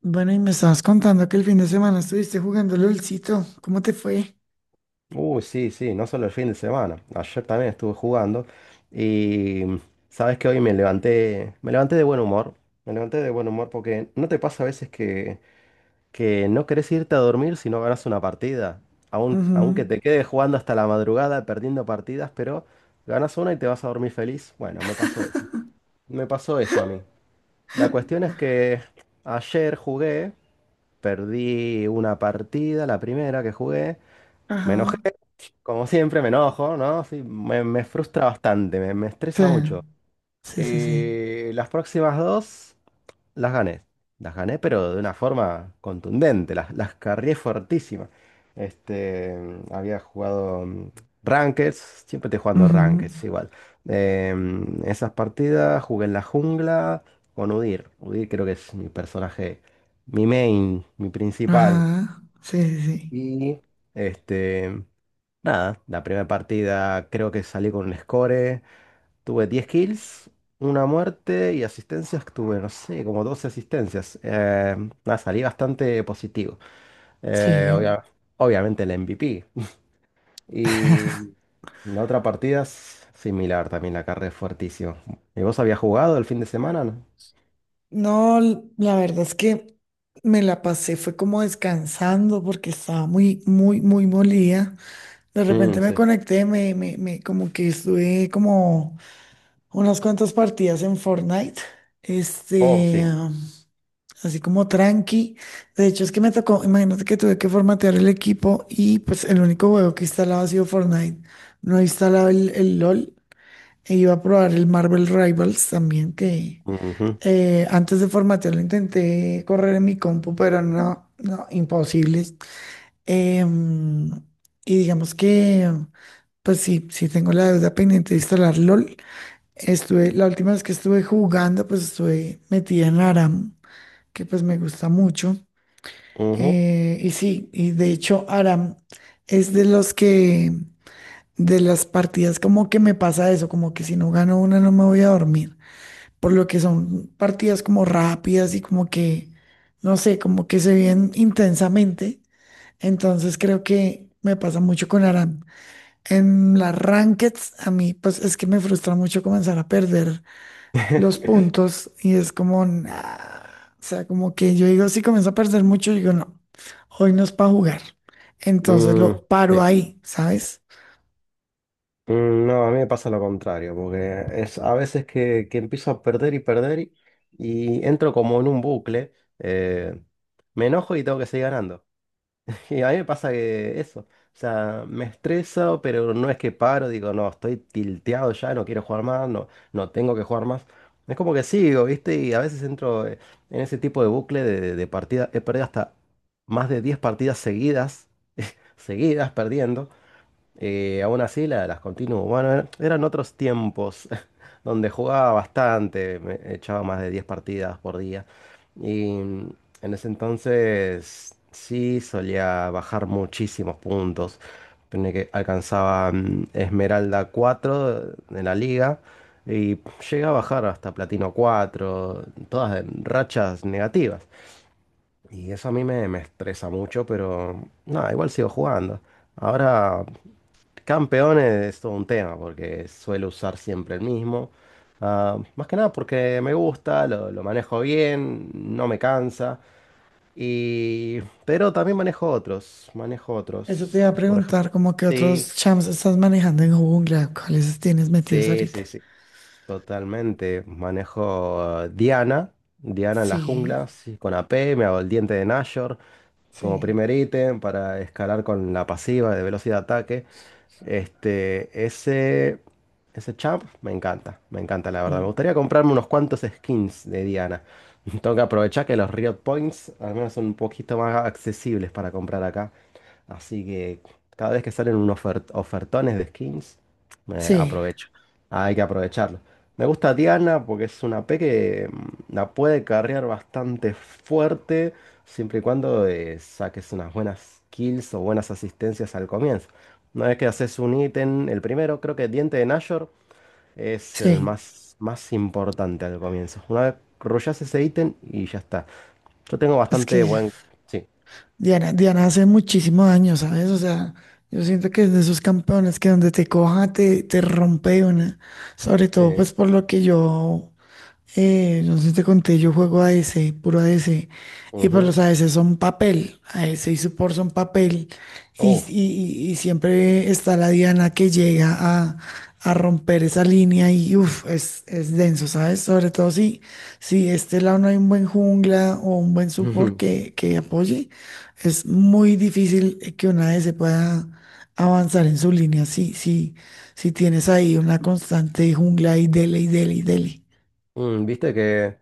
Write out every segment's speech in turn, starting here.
Bueno, y me estabas contando que el fin de semana estuviste jugando LOLcito. ¿Cómo te fue? Uy, sí, sí, no solo el fin de semana. Ayer también estuve jugando y sabes que hoy me levanté de buen humor. Me levanté de buen humor porque no te pasa a veces que no querés irte a dormir si no ganas una partida. Aunque Ujú. te quedes jugando hasta la madrugada, perdiendo partidas, pero ganas una y te vas a dormir feliz. Bueno, me pasó eso. Me pasó eso a mí. La cuestión es que ayer jugué, perdí una partida, la primera que jugué, me enojé. Ajá. Como siempre, me enojo, ¿no? Sí, me frustra bastante, me Sí, estresa mucho. sí, sí, sí. Las próximas dos las gané. Las gané, pero de una forma contundente, las carrié fuertísima. Este, había jugado Rankeds, siempre estoy jugando Ujú. Rankeds igual. Esas partidas jugué en la jungla con Udyr. Udyr creo que es mi personaje, mi main, mi principal. Ajá. Sí, sí, sí. Y este. Nada, la primera partida creo que salí con un score. Tuve 10 kills, una muerte y asistencias. Tuve, no sé, como 12 asistencias. Nada, salí bastante positivo. Eh, Sí. obvia- Obviamente el MVP. Y la otra partida es similar, también la carré fuertísimo. ¿Y vos habías jugado el fin de semana, no? No, la verdad es que me la pasé, fue como descansando porque estaba muy, muy, muy molida. De Mm, repente me sí. conecté, como que estuve como unas cuantas partidas en Fortnite. Oh, Este, sí. así como tranqui. De hecho, es que me tocó, imagínate que tuve que formatear el equipo y pues el único juego que instalaba ha sido Fortnite. No he instalado el LOL e iba a probar el Marvel Rivals también, que Ujú, antes de formatearlo intenté correr en mi compu, pero no, no, imposible. Em, y digamos que, pues sí, sí tengo la deuda pendiente de instalar LOL. Estuve, la última vez que estuve jugando, pues estuve metida en ARAM, que pues me gusta mucho. ujú. Y sí, y de hecho Aram es de los que, de las partidas como que me pasa eso, como que si no gano una no me voy a dormir, por lo que son partidas como rápidas y como que, no sé, como que se viven intensamente. Entonces creo que me pasa mucho con Aram. En las rankeds a mí pues es que me frustra mucho comenzar a perder los puntos y es como, nah, o sea, como que yo digo, si comienzo a perder mucho, digo, no, hoy no es para jugar. Entonces Mm, lo paro sí. ahí, ¿sabes? Mm, no, a mí me pasa lo contrario, porque es a veces que empiezo a perder y perder y entro como en un bucle, eh, me enojo y tengo que seguir ganando. Y a mí me pasa que eso, o sea, me estreso, pero no es que paro, digo, no, estoy tilteado ya, no quiero jugar más, no, no tengo que jugar más. Es como que sigo, ¿viste? Y a veces entro en ese tipo de bucle de partida, he perdido hasta más de 10 partidas seguidas, seguidas perdiendo. Aún así las continuo. Bueno, eran otros tiempos donde jugaba bastante, me echaba más de 10 partidas por día. Y en ese entonces sí solía bajar muchísimos puntos. Tenía que alcanzaba Esmeralda 4 en la liga y llegué a bajar hasta Platino 4, todas en rachas negativas. Y eso a mí me estresa mucho, pero no, igual sigo jugando. Ahora Campeones es todo un tema porque suelo usar siempre el mismo. Ah, más que nada porque me gusta, lo manejo bien, no me cansa. Y... pero también manejo otros, manejo Eso te otros. iba a Por ejemplo, preguntar, como que sí, otros champs estás manejando en jungla, ¿cuáles tienes metidos sí, sí, ahorita? sí, totalmente. Manejo Diana, Diana en la Sí, jungla, sí, con AP, me hago el diente de Nashor. Como sí, primer ítem para escalar con la pasiva de velocidad de ataque. Este, ese champ me encanta la verdad. Me sí, gustaría comprarme unos cuantos skins de Diana. Tengo que aprovechar que los Riot Points al menos son un poquito más accesibles para comprar acá. Así que cada vez que salen unos ofertones de skins, me sí, aprovecho. Hay que aprovecharlo. Me gusta Diana porque es una P que la puede carrear bastante fuerte. Siempre y cuando saques unas buenas kills o buenas asistencias al comienzo. Una vez que haces un ítem, el primero, creo que Diente de Nashor es el sí. más, más importante al comienzo. Una vez rushas ese ítem y ya está. Yo tengo Es bastante que buen... Sí. Diana, Diana hace muchísimo daño, ¿sabes? O sea, yo siento que es de esos campeones que donde te coja te, te rompe de una. Sobre Sí. todo, pues por lo que yo. No sé si te conté, yo juego a D C, puro a D C, y pues Ujú. los a D C son papel, a D C y support son papel, y, Oh. Y siempre está la Diana que llega a romper esa línea y uff, es denso, ¿sabes? Sobre todo si, si de este lado no hay un buen jungla o un buen support que apoye, es muy difícil que una A D ADC pueda avanzar en su línea, si, si, si tienes ahí una constante jungla y dele y dele y dele. Mm, viste que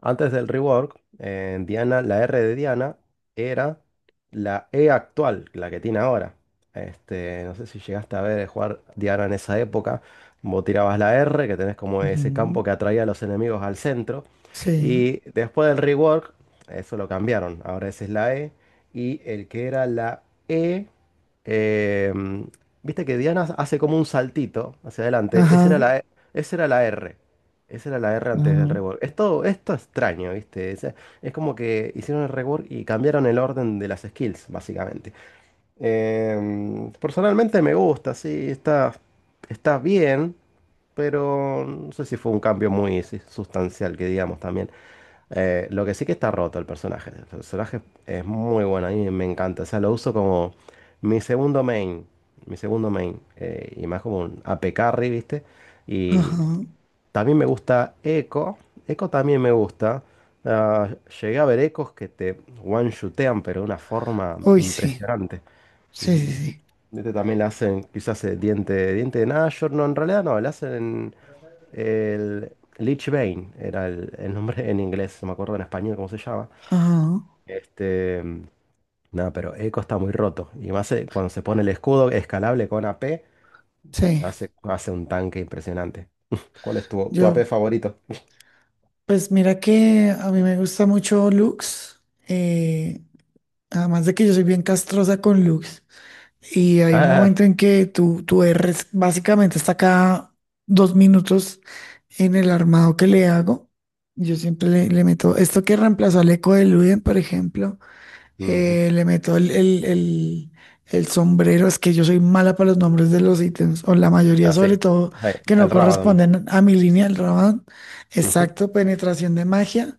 antes del rework, en Diana, la R de Diana era la E actual, la que tiene ahora. Este, no sé si llegaste a ver jugar Diana en esa época. Vos tirabas la R, que tenés como ese campo Ujú, que atraía a los enemigos al centro. sí, Y después del rework, eso lo cambiaron. Ahora esa es la E. Y el que era la E, eh, viste que Diana hace como un saltito hacia adelante. Ajá, Esa era la R. Esa era la R antes del ajá, rework. Esto extraño, ¿viste? Es como que hicieron el rework y cambiaron el orden de las skills, básicamente. Personalmente me gusta, sí, está, está bien, pero no sé si fue un cambio muy sí, sustancial, que digamos también. Lo que sí que está roto el personaje. El personaje es muy bueno, a mí me encanta. O sea, lo uso como mi segundo main. Mi segundo main. Y más como un AP carry, ¿viste? Y ajá. también me gusta Echo. Echo también me gusta. Ah, llegué a ver Echos que te one-shootean, pero de una forma Uy, sí, impresionante. sí, sí, Mm, sí. Este también le hacen quizás diente de Nashor. No, en realidad no, le hacen el Lich Bane, era el nombre en inglés, no me acuerdo en español cómo se llama. Ajá, Este, nada, pero Echo está muy roto. Y más cuando se pone el escudo escalable con AP, sí. hace, hace un tanque impresionante. ¿Cuál es tu, tu AP Yo, favorito? pues mira que a mí me gusta mucho Lux. eh, además de que yo soy bien castrosa con Lux. Y hay un Ah, momento en que tú erres, básicamente está cada 2 minutos en el armado que le hago. Yo siempre le meto esto que reemplazó al eco de Luden, por ejemplo. ujú. Le meto el sombrero, es que yo soy mala para los nombres de los ítems, o la mayoría Así. sobre todo, Sí, que no el Rabadon. corresponden a mi línea del Raban. Ujú, Exacto, penetración de magia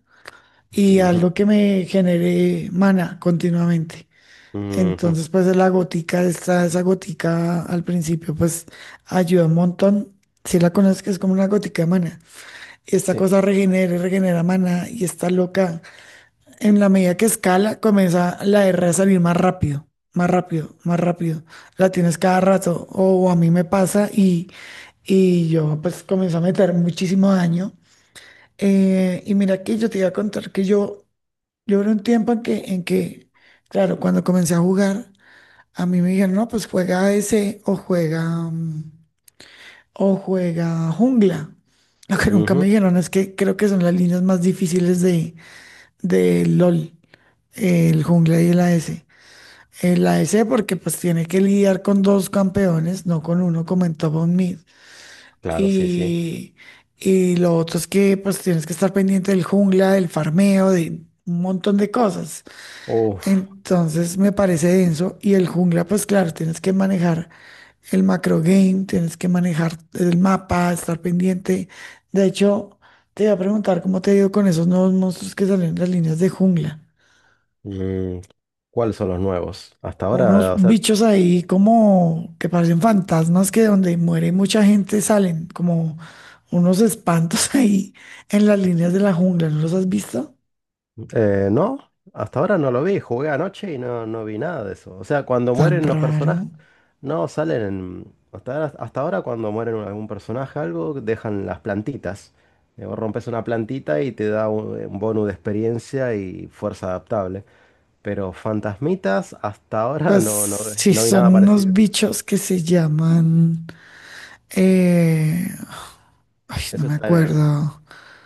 y ujú, algo que me genere mana continuamente. ujú. Entonces, pues la gotica, esta, esa gotica al principio, pues ayuda un montón. Si la conoces, que es como una gotica de mana. Y esta Sí. cosa regenera, y regenera mana y está loca. En la medida que escala, comienza la R a salir más rápido, más rápido, más rápido. La tienes cada rato. O a mí me pasa y yo pues comienzo a meter muchísimo daño. Y mira que yo te iba a contar que yo era un tiempo en que, claro, cuando comencé a jugar, a mí me dijeron, no, pues juega ADC o juega, mm, o juega jungla. Lo que nunca me Ujú. dijeron es que creo que son las líneas más difíciles de LOL, el jungla y el AS en la E C, porque pues tiene que lidiar con dos campeones, no con uno como en Top of Mid. Claro, sí, sí. Y, y lo otro es que pues tienes que estar pendiente del jungla, del farmeo, de un montón de cosas. Uf. Entonces me parece denso. Y el jungla, pues claro, tienes que manejar el macro game, tienes que manejar el mapa, estar pendiente. De hecho, te iba a preguntar cómo te ha ido con esos nuevos monstruos que salieron en las líneas de jungla. Mm, ¿cuáles son los nuevos? Hasta Unos ahora, o sea, bichos ahí como que parecen fantasmas que donde muere mucha gente salen como unos espantos ahí en las líneas de la jungla. ¿No los has visto? No. Hasta ahora no lo vi. Jugué anoche y no, no vi nada de eso. O sea, cuando Tan mueren los raro. personajes, no salen en- hasta ahora, hasta ahora cuando mueren algún personaje, algo, dejan las plantitas. Vos rompes una plantita y te da un bonus de experiencia y fuerza adaptable. Pero fantasmitas hasta ahora Pues no, no, sí, no vi son nada unos parecido. bichos que se llaman... eh, ay, no Eso me está acuerdo.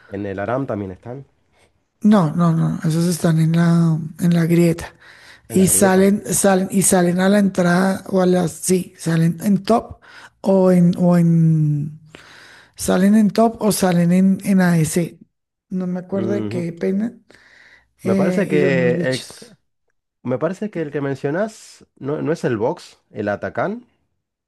en el Aram también están, No, no, no, esos están en la grieta. en la Y grieta. salen, salen, y salen a la entrada o a las, sí, salen en top o en, o en, salen en top o salen en ADC. No me acuerdo de Ujú. qué peinan. Me parece Y son los que el, bichos. me parece que el que mencionas no, no es el box, el Atacán,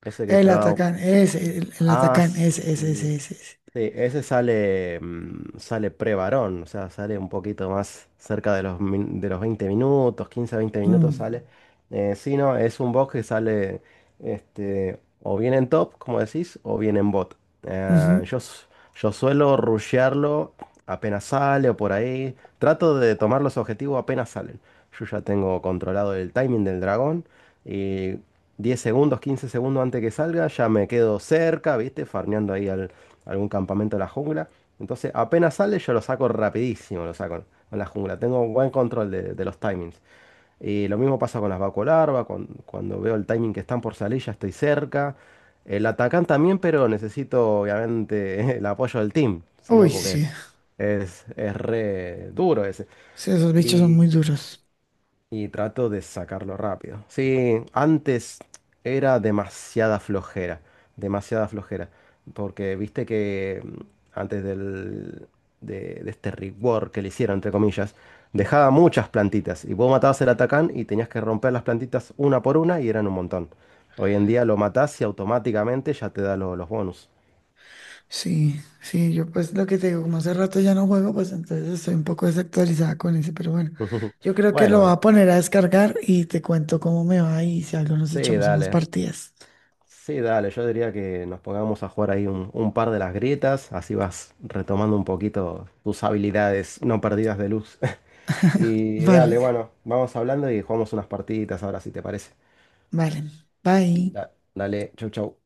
ese que te da... El Ah, atacán, ese, ese, ese, sí. ese, ese. Sí, ese sale, sale pre-varón, o sea, sale un poquito más cerca de los, de los 20 minutos, 15 a 20 minutos Mm, sale. Sí, no, es un bot que sale este, o bien en top, como decís, o bien en bot. Eh, ujú. yo, s- yo suelo rushearlo apenas sale o por ahí. Trato de tomar los objetivos apenas salen. Yo ya tengo controlado el timing del dragón y 10 segundos, 15 segundos antes que salga, ya me quedo cerca, ¿viste? Farmeando ahí algún campamento de la jungla. Entonces, apenas sale, yo lo saco rapidísimo, lo saco en la jungla. Tengo un buen control de los timings. Y lo mismo pasa con las vacolarvas, cuando veo el timing que están por salir, ya estoy cerca. El atacán también, pero necesito obviamente el apoyo del team, Uy, sino porque sí. Es re duro ese. Sí, esos bichos son muy Y duros. y trato de sacarlo rápido. Sí, antes era demasiada flojera, demasiada flojera. Porque viste que antes del, de, de este rework que le hicieron, entre comillas, dejaba muchas plantitas. Y vos matabas el atacán y tenías que romper las plantitas una por una y eran un montón. Hoy en día lo matás y automáticamente ya te da los bonus. Sí, sí, yo pues lo que te digo, como hace rato ya no juego, pues entonces estoy un poco desactualizada con ese, pero bueno, yo creo que lo voy Bueno, a poner a descargar y te cuento cómo me va y si algo nos sí, echamos unas dale. partidas. Sí, dale, yo diría que nos pongamos a jugar ahí un par de las grietas, así vas retomando un poquito tus habilidades no perdidas de luz. Y Vale, dale, bueno, vamos hablando y jugamos unas partiditas ahora si te parece. vale. Bye. Da- Dale, chau, chau.